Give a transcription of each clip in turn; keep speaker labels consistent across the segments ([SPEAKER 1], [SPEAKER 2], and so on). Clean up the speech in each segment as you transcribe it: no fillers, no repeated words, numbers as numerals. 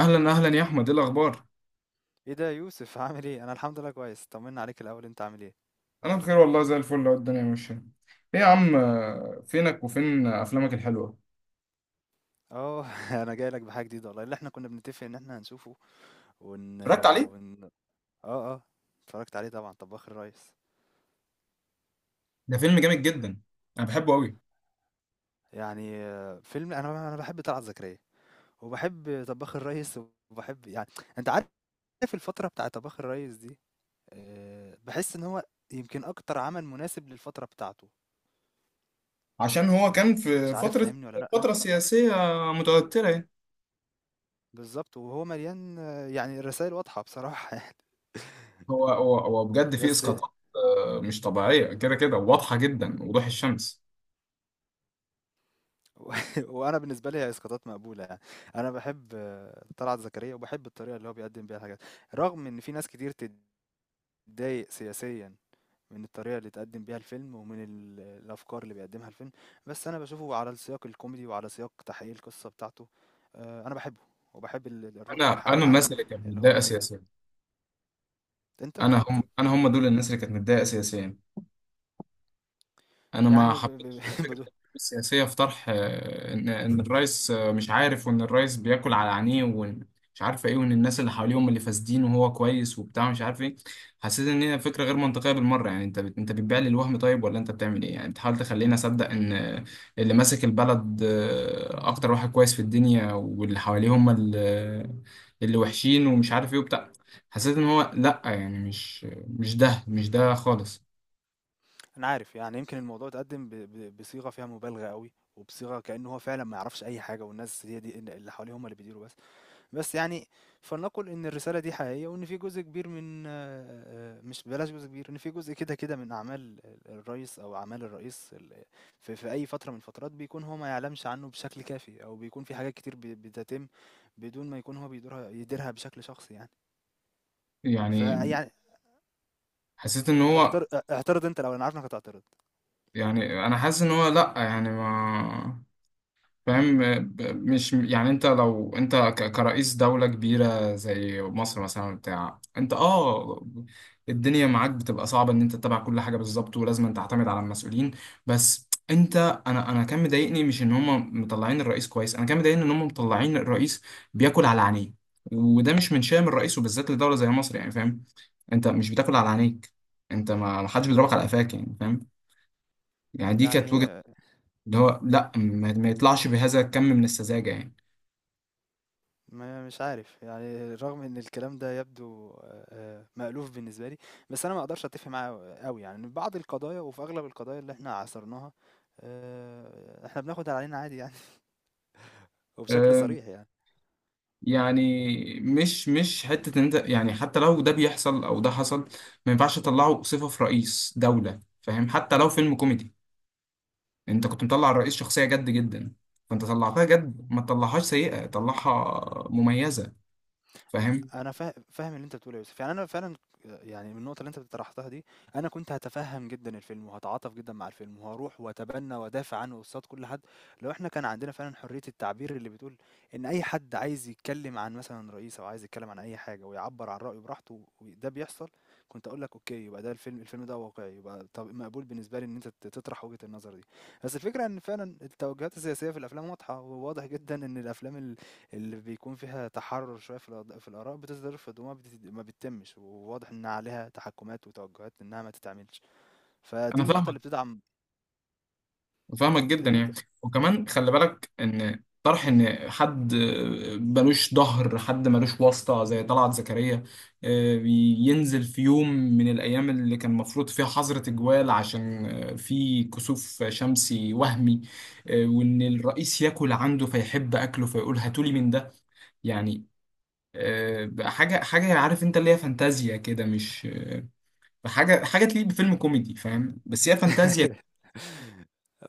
[SPEAKER 1] اهلا اهلا يا احمد، ايه الاخبار؟
[SPEAKER 2] ايه ده يا يوسف؟ عامل ايه؟ انا الحمد لله كويس، طمنا عليك الاول، انت عامل ايه؟
[SPEAKER 1] انا بخير والله، زي الفل لو الدنيا ماشيه. ايه يا عم، فينك وفين افلامك الحلوه؟
[SPEAKER 2] اه انا جاي لك بحاجه جديده والله، اللي احنا كنا بنتفق ان احنا هنشوفه. ون
[SPEAKER 1] اتفرجت عليه.
[SPEAKER 2] ون اه، اه، اتفرجت عليه طبعا، طباخ الريس.
[SPEAKER 1] ده فيلم جامد جدا، انا بحبه قوي.
[SPEAKER 2] يعني فيلم، انا بحب طلعت زكريا، وبحب طباخ الريس، وبحب يعني، انت عارف، الفتره بتاع طباخ الريس دي، بحس ان هو يمكن اكتر عمل مناسب للفتره بتاعته.
[SPEAKER 1] عشان هو كان في
[SPEAKER 2] مش عارف
[SPEAKER 1] فتره،
[SPEAKER 2] فاهمني ولا لا؟
[SPEAKER 1] فتره سياسيه متوتره يعني.
[SPEAKER 2] بالظبط. وهو مليان، يعني الرسائل واضحه بصراحه.
[SPEAKER 1] هو بجد فيه
[SPEAKER 2] بس.
[SPEAKER 1] اسقاطات مش طبيعيه، كده كده واضحه جدا وضوح الشمس.
[SPEAKER 2] وانا بالنسبه لي هي اسقاطات مقبوله يعني. انا بحب طلعت زكريا، وبحب الطريقه اللي هو بيقدم بيها الحاجات، رغم ان في ناس كتير تتضايق سياسيا من الطريقه اللي اتقدم بيها الفيلم، ومن الافكار اللي بيقدمها الفيلم. بس انا بشوفه على السياق الكوميدي وعلى سياق تحقيق القصه بتاعته. انا بحبه، وبحب الروح
[SPEAKER 1] انا
[SPEAKER 2] والحاله
[SPEAKER 1] انا
[SPEAKER 2] العامه
[SPEAKER 1] الناس اللي كانت
[SPEAKER 2] اللي هو
[SPEAKER 1] متضايقه
[SPEAKER 2] بيعملها.
[SPEAKER 1] سياسيا،
[SPEAKER 2] انت
[SPEAKER 1] انا هم دول الناس اللي كانت متضايقه سياسيا. انا ما
[SPEAKER 2] يعني،
[SPEAKER 1] حبيتش فكره
[SPEAKER 2] بدو-
[SPEAKER 1] الأحزاب السياسيه في طرح ان الرئيس، مش عارف، وان الرئيس بياكل على عينيه، وان مش عارف ايه، وان الناس اللي حواليه هم اللي فاسدين وهو كويس وبتاع مش عارف ايه. حسيت ان هي فكره غير منطقيه بالمره. يعني انت انت بتبيع لي الوهم، طيب ولا انت بتعمل ايه؟ يعني بتحاول تخليني اصدق ان اللي ماسك البلد اكتر واحد كويس في الدنيا، واللي حواليه هم اللي وحشين ومش عارف ايه وبتاع. حسيت ان هو لا، يعني مش ده، مش ده خالص.
[SPEAKER 2] انا عارف يعني، يمكن الموضوع اتقدم بصيغه فيها مبالغه قوي، وبصيغه كانه هو فعلا ما يعرفش اي حاجه، والناس هي دي اللي حواليه هم اللي بيديروا. بس يعني، فلنقل إن الرسالة دي حقيقية، وإن في جزء كبير من مش، بلاش جزء كبير، إن في جزء كده كده من أعمال الرئيس، أو أعمال الرئيس في أي فترة من الفترات بيكون هو ما يعلمش عنه بشكل كافي، أو بيكون في حاجات كتير بتتم بدون ما يكون هو بيديرها يديرها بشكل شخصي يعني.
[SPEAKER 1] يعني
[SPEAKER 2] فيعني،
[SPEAKER 1] حسيت ان هو،
[SPEAKER 2] اعترض، اعترض أنت، لو أنا عارف إنك هتعترض.
[SPEAKER 1] يعني انا حاسس ان هو لا، يعني ما فاهم. مش يعني، انت لو انت كرئيس دولة كبيرة زي مصر مثلا، بتاع انت اه، الدنيا معاك بتبقى صعبة ان انت تتابع كل حاجة بالظبط، ولازم تعتمد على المسؤولين. بس انت، انا كان مضايقني، مش ان هم مطلعين الرئيس كويس، انا كان مضايقني ان هم مطلعين الرئيس بياكل على عينيه، وده مش من شأن الرئيس وبالذات لدولة زي مصر. يعني فاهم؟ انت مش بتاكل على عينيك، انت، ما حدش بيضربك على قفاك. يعني فاهم؟ يعني دي كانت وجهة،
[SPEAKER 2] يعني،
[SPEAKER 1] اللي هو لا، ما يطلعش بهذا الكم من السذاجة يعني.
[SPEAKER 2] ما مش عارف يعني، رغم ان الكلام ده يبدو مألوف بالنسبه لي. بس انا ما اقدرش اتفق معاه قوي، يعني بعض القضايا، وفي اغلب القضايا اللي احنا عاصرناها، احنا بناخد علينا عادي يعني. وبشكل
[SPEAKER 1] أه،
[SPEAKER 2] صريح يعني.
[SPEAKER 1] يعني مش حتة ان انت، يعني حتى لو ده بيحصل او ده حصل، ما ينفعش تطلعه صفة في رئيس دولة، فاهم؟ حتى لو فيلم كوميدي، انت كنت مطلع الرئيس شخصية جد جدا، فانت طلعتها جد، ما تطلعهاش سيئة، طلعها مميزة. فاهم؟
[SPEAKER 2] أنا فاهم اللي أنت بتقوله يا يوسف، يعني أنا فعلًا، يعني من النقطة اللي أنت طرحتها دي، أنا كنت هاتفهم جدًا الفيلم، وهاتعاطف جدًا مع الفيلم، وهاروح واتبنى وادافع عنه قصاد كل حد، لو إحنا كان عندنا فعلًا حرية التعبير اللي بتقول إن أي حد عايز يتكلم عن مثلًا رئيس أو عايز يتكلم عن أي حاجة ويعبّر عن رأيه براحته وده بيحصل، كنت أقول لك أوكي، يبقى ده الفيلم ده واقعي، يبقى طب مقبول بالنسبة لي إن أنت تطرح وجهة النظر دي، بس الفكرة إن فعلًا التوجهات السياسية في الأفلام واضحة، وواضح جدًا إن الأفلام اللي بيكون فيها تحرر شوية في في الآراء بتصدر في الدموع ما بتتمش، وواضح إن عليها تحكمات وتوجهات إنها ما تتعملش. فدي
[SPEAKER 1] انا
[SPEAKER 2] النقطة
[SPEAKER 1] فاهمك،
[SPEAKER 2] اللي بتدعم،
[SPEAKER 1] فاهمك
[SPEAKER 2] دي
[SPEAKER 1] جدا يعني.
[SPEAKER 2] النقطة.
[SPEAKER 1] وكمان خلي بالك ان طرح ان حد ملوش ظهر، حد ملوش واسطة زي طلعت زكريا، آه، ينزل في يوم من الأيام اللي كان المفروض فيها حظر تجوال، عشان في كسوف شمسي وهمي، وإن الرئيس ياكل عنده فيحب أكله، فيقول هاتولي من ده. يعني بقى حاجة حاجة عارف أنت اللي هي فانتازيا كده، مش حاجة حاجة تليق بفيلم كوميدي، فاهم؟ بس هي فانتازيا.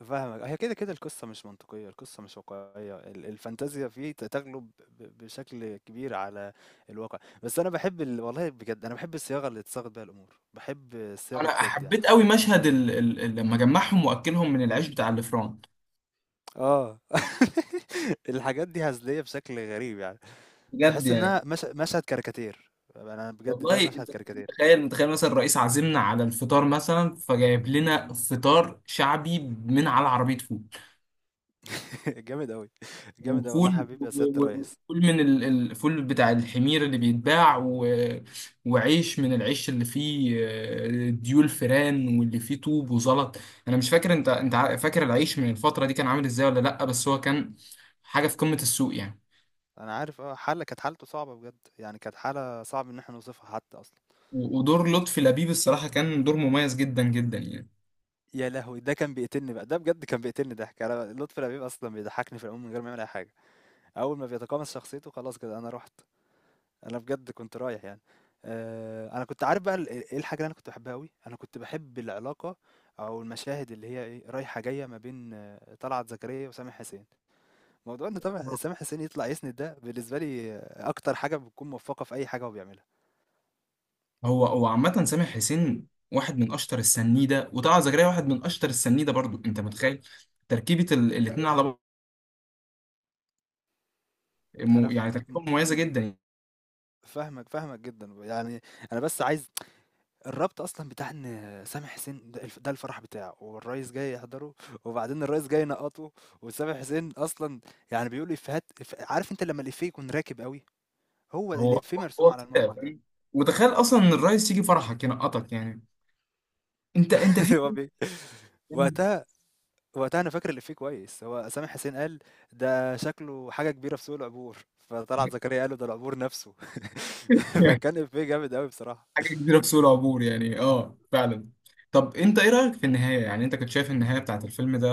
[SPEAKER 2] فاهمك، هي كده كده، القصة مش منطقية، القصة مش واقعية، الفانتازيا فيه تغلب بشكل كبير على الواقع. بس أنا بحب والله بجد أنا بحب الصياغة اللي اتصاغت بيها الأمور، بحب الصياغة
[SPEAKER 1] انا
[SPEAKER 2] بجد يعني.
[SPEAKER 1] حبيت قوي مشهد لما جمعهم واكلهم من العيش بتاع الفران،
[SPEAKER 2] اه. الحاجات دي هزلية بشكل غريب يعني،
[SPEAKER 1] بجد
[SPEAKER 2] تحس
[SPEAKER 1] يعني.
[SPEAKER 2] إنها مش مشهد كاريكاتير، أنا بجد ده
[SPEAKER 1] والله
[SPEAKER 2] مشهد
[SPEAKER 1] انت
[SPEAKER 2] كاريكاتير.
[SPEAKER 1] متخيل مثلا الرئيس عازمنا على الفطار، مثلا فجايب لنا فطار شعبي من على عربية فول،
[SPEAKER 2] جامد أوي، جامد أوي، والله يا
[SPEAKER 1] وفول
[SPEAKER 2] حبيبي يا سيادة الريس.
[SPEAKER 1] وفول من الفول بتاع الحمير اللي بيتباع، وعيش من العيش اللي فيه ديول فران، واللي فيه طوب وزلط. انا مش فاكر، انت فاكر العيش من الفترة دي كان عامل ازاي ولا لا؟ بس هو كان حاجة في قمة السوق يعني.
[SPEAKER 2] أنا عارف كانت حالته صعبة بجد، يعني كانت حالة صعب إن إحنا نوصفها حتى أصلًا.
[SPEAKER 1] ودور لطفي لبيب الصراحة كان دور مميز جدا جدا يعني.
[SPEAKER 2] يا لهوي! ده كان بيقتلني بقى، ده بجد كان بيقتلني ضحك، أنا لطفي لبيب أصلًا بيضحكني في العموم من غير ما يعمل أي حاجة. أول ما بيتقمص شخصيته خلاص كده أنا رُحت، أنا بجد كنت رايح يعني. أنا كنت عارف بقى إيه الحاجة اللي أنا كنت باحبها أوي، أنا كنت باحب العلاقة أو المشاهد اللي هي إيه رايحة جاية ما بين طلعت زكريا وسامح حسين. موضوع ان طبعا
[SPEAKER 1] آه.
[SPEAKER 2] سامح حسين يطلع يسند، ده بالنسبه لي اكتر حاجه بتكون موفقه في اي حاجه هو بيعملها.
[SPEAKER 1] هو عامة سامح حسين واحد من أشطر السنيدة، وطلعت زكريا واحد من أشطر السنيدة برضو. أنت متخيل تركيبة الاتنين على،
[SPEAKER 2] انا
[SPEAKER 1] يعني تركيبة مميزة جدا.
[SPEAKER 2] فاهمك، فاهمك جدا يعني. انا بس عايز الربط اصلا بتاع ان سامح حسين ده ده الفرح بتاعه والرئيس جاي يحضره، وبعدين الرئيس جاي ينقطه، وسامح حسين اصلا يعني بيقول افيهات، عارف انت لما الافيه يكون راكب قوي، هو
[SPEAKER 1] هو
[SPEAKER 2] الافيه مرسوم
[SPEAKER 1] هو
[SPEAKER 2] على
[SPEAKER 1] كده
[SPEAKER 2] الموقف ده.
[SPEAKER 1] فاهم؟ وتخيل أصلا إن الرئيس يجي فرحك ينقطك يعني، أنت في...
[SPEAKER 2] هو وقتها وقتها أنا فاكر الإفيه كويس، هو سامح حسين قال: "ده شكله حاجة كبيرة في سوق العبور." فطلعت زكريا قال له: "ده العبور نفسه." فكان إفيه جامد أوي بصراحة.
[SPEAKER 1] حاجه كبيره في سوق العبور، يعني اه فعلا. طب انت ايه رايك في النهايه؟ يعني انت كنت شايف النهايه بتاعت الفيلم ده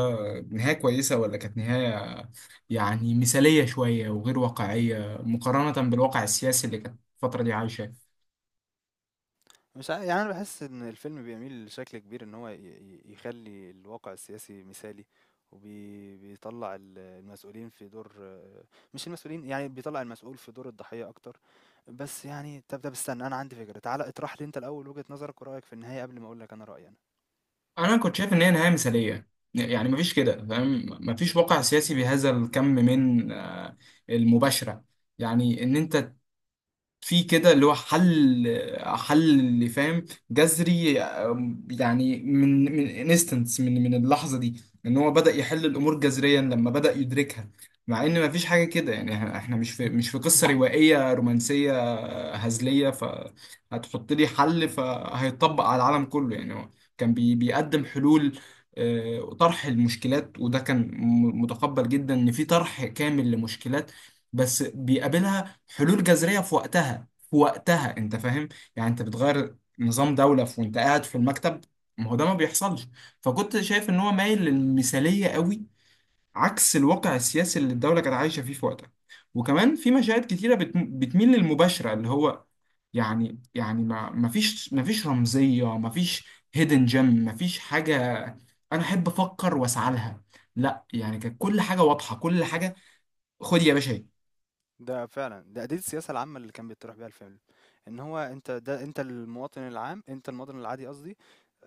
[SPEAKER 1] نهايه كويسه، ولا كانت نهايه يعني مثاليه شويه وغير واقعيه مقارنه بالواقع السياسي اللي كانت الفتره دي عايشه؟
[SPEAKER 2] مش عا يعني أنا باحس إن الفيلم بيميل بشكل كبير إن هو ي ي يخلّي الواقع السياسي مثالي، بيطلّع المسؤولين في دور، مش المسؤولين، يعني بيطلّع المسؤول في دور الضحية أكتر. بس يعني، طَب استنى أنا عندي فكرة، تعالَ اطرح لي أنت الأول وجهة نظرك ورأيك في النهاية قبل ما أقول لك أنا رأيي أنا.
[SPEAKER 1] انا كنت شايف ان هي نهايه مثاليه، يعني مفيش كده فاهم، مفيش واقع سياسي بهذا الكم من المباشره. يعني ان انت في كده اللي هو حل اللي فاهم جذري، يعني من انستنس، من اللحظه دي ان هو بدأ يحل الامور جذريا لما بدأ يدركها، مع ان مفيش حاجه كده يعني. احنا مش في قصه روائيه رومانسيه هزليه فهتحط لي حل فهيطبق على العالم كله. يعني هو كان بيقدم حلول، وطرح المشكلات، وده كان متقبل جدا ان في طرح كامل لمشكلات، بس بيقابلها حلول جذرية في وقتها، في وقتها انت فاهم؟ يعني انت بتغير نظام دولة في وانت قاعد في المكتب، ما هو ده ما بيحصلش. فكنت شايف ان هو مايل للمثالية قوي، عكس الواقع السياسي اللي الدولة كانت عايشة فيه في وقتها. وكمان في مشاهد كتيرة بتميل للمباشرة، اللي هو يعني، يعني ما فيش رمزية، ما فيش هيدن جيم، ما فيش حاجة انا احب افكر واسعى لها. لا، يعني كانت كل حاجة واضحة، كل حاجة خد يا باشا.
[SPEAKER 2] ده فعلا دي السياسة العامة اللي كان بيطرح بيها الفيلم، ان هو انت ده، انت المواطن العام، انت المواطن العادي قصدي.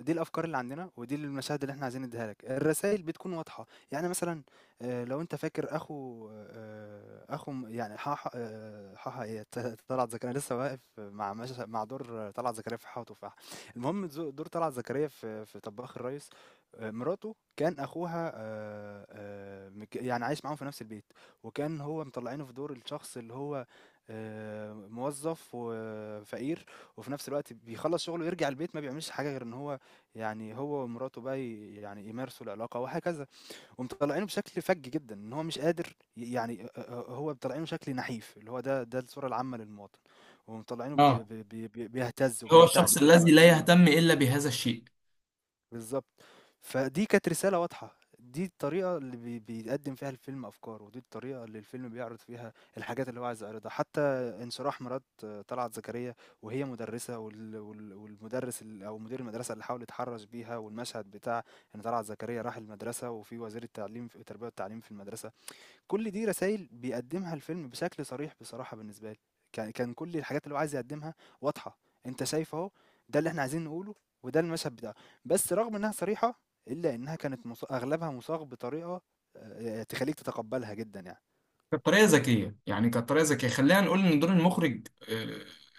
[SPEAKER 2] دي الافكار اللي عندنا، ودي المشاهد اللي احنا عايزين نديها لك، الرسائل بتكون واضحة يعني، مثلا لو انت فاكر اخو يعني حاحا، حاحا ايه طلعت زكريا، أنا لسه واقف مع مع دور طلعت زكريا في حاحا وتفاحة. المهم دور طلعت زكريا في طباخ الريس، مراته كان اخوها، يعني عايش معاهم في نفس البيت، وكان هو مطلعينه في دور الشخص اللي هو موظف وفقير، وفي نفس الوقت بيخلص شغله ويرجع البيت، ما بيعملش حاجة غير ان هو يعني، هو ومراته بقى يعني يمارسوا العلاقة وهكذا. ومطلعينه بشكل فج جدا ان هو مش قادر يعني، هو مطلعينه شكل نحيف، اللي هو ده الصورة العامة للمواطن. ومطلعينه
[SPEAKER 1] اهي.
[SPEAKER 2] بيهتز
[SPEAKER 1] هو
[SPEAKER 2] وبيرتعش
[SPEAKER 1] الشخص
[SPEAKER 2] طول
[SPEAKER 1] الذي
[SPEAKER 2] الوقت.
[SPEAKER 1] لا يهتم إلا بهذا الشيء.
[SPEAKER 2] بالضبط. فدي كانت رسالة واضحة، دي الطريقة اللي بيقدّم فيها الفيلم أفكاره، ودي الطريقة اللي الفيلم بيعرض فيها الحاجات اللي هو عايز يعرضها، حتى انشراح مرات طلعت زكريا، وهي مدرسة، والمدرس أو مدير المدرسة اللي حاول يتحرّش بيها، والمشهد بتاع إن طلعت زكريا راح المدرسة وفي وزير التعليم، التربية والتعليم في المدرسة، كل دي رسائل بيقدمها الفيلم بشكل صريح بصراحة. بالنسبة لي كان كل الحاجات اللي هو عايز يقدمها واضحة، انت شايف اهو، ده اللي احنا عايزين نقوله، وده المشهد بتاعه. بس رغم انها صريحة الا انها كانت اغلبها مصاغ بطريقة، تخليك تتقبلها جدا يعني.
[SPEAKER 1] كانت طريقة ذكية، يعني كانت طريقة ذكية. خلينا نقول إن دور المخرج،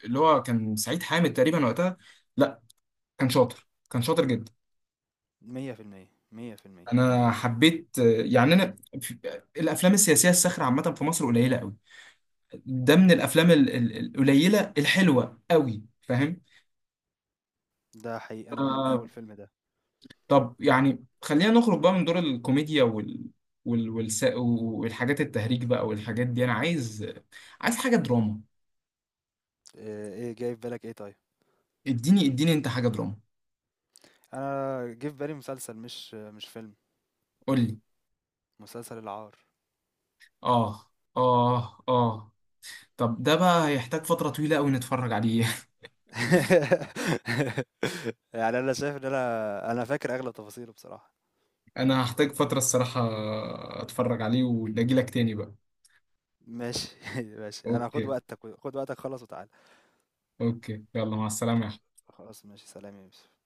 [SPEAKER 1] اللي هو كان سعيد حامد تقريبا وقتها، لا، كان شاطر، كان شاطر جدا.
[SPEAKER 2] 100%، 100%.
[SPEAKER 1] أنا حبيت يعني أنا الأفلام السياسية الساخرة عامة في مصر قليلة قوي، ده من الأفلام القليلة الحلوة قوي، فاهم؟
[SPEAKER 2] ده حقيقي، انا بحب اول
[SPEAKER 1] آه،
[SPEAKER 2] فيلم ده.
[SPEAKER 1] طب يعني خلينا نخرج بقى من دور الكوميديا والحاجات التهريج بقى والحاجات دي. أنا عايز حاجة دراما.
[SPEAKER 2] آه، ايه جاي في بالك؟ ايه طيب؟
[SPEAKER 1] اديني انت حاجة دراما،
[SPEAKER 2] انا جه في بالي مسلسل، مش مش فيلم،
[SPEAKER 1] قول لي.
[SPEAKER 2] مسلسل العار.
[SPEAKER 1] اه، اه، اه. طب ده بقى هيحتاج فترة طويلة قوي نتفرج عليه.
[SPEAKER 2] يعني انا شايف ان انا فاكر اغلب تفاصيله بصراحة.
[SPEAKER 1] انا هحتاج فترة الصراحة، اتفرج عليه واجي لك تاني بقى.
[SPEAKER 2] ماشي. ماشي، انا خد
[SPEAKER 1] اوكي.
[SPEAKER 2] وقتك، خد وقتك، خلص وتعالى.
[SPEAKER 1] اوكي، يلا مع السلامة يا
[SPEAKER 2] خلاص ماشي، سلام يا يوسف.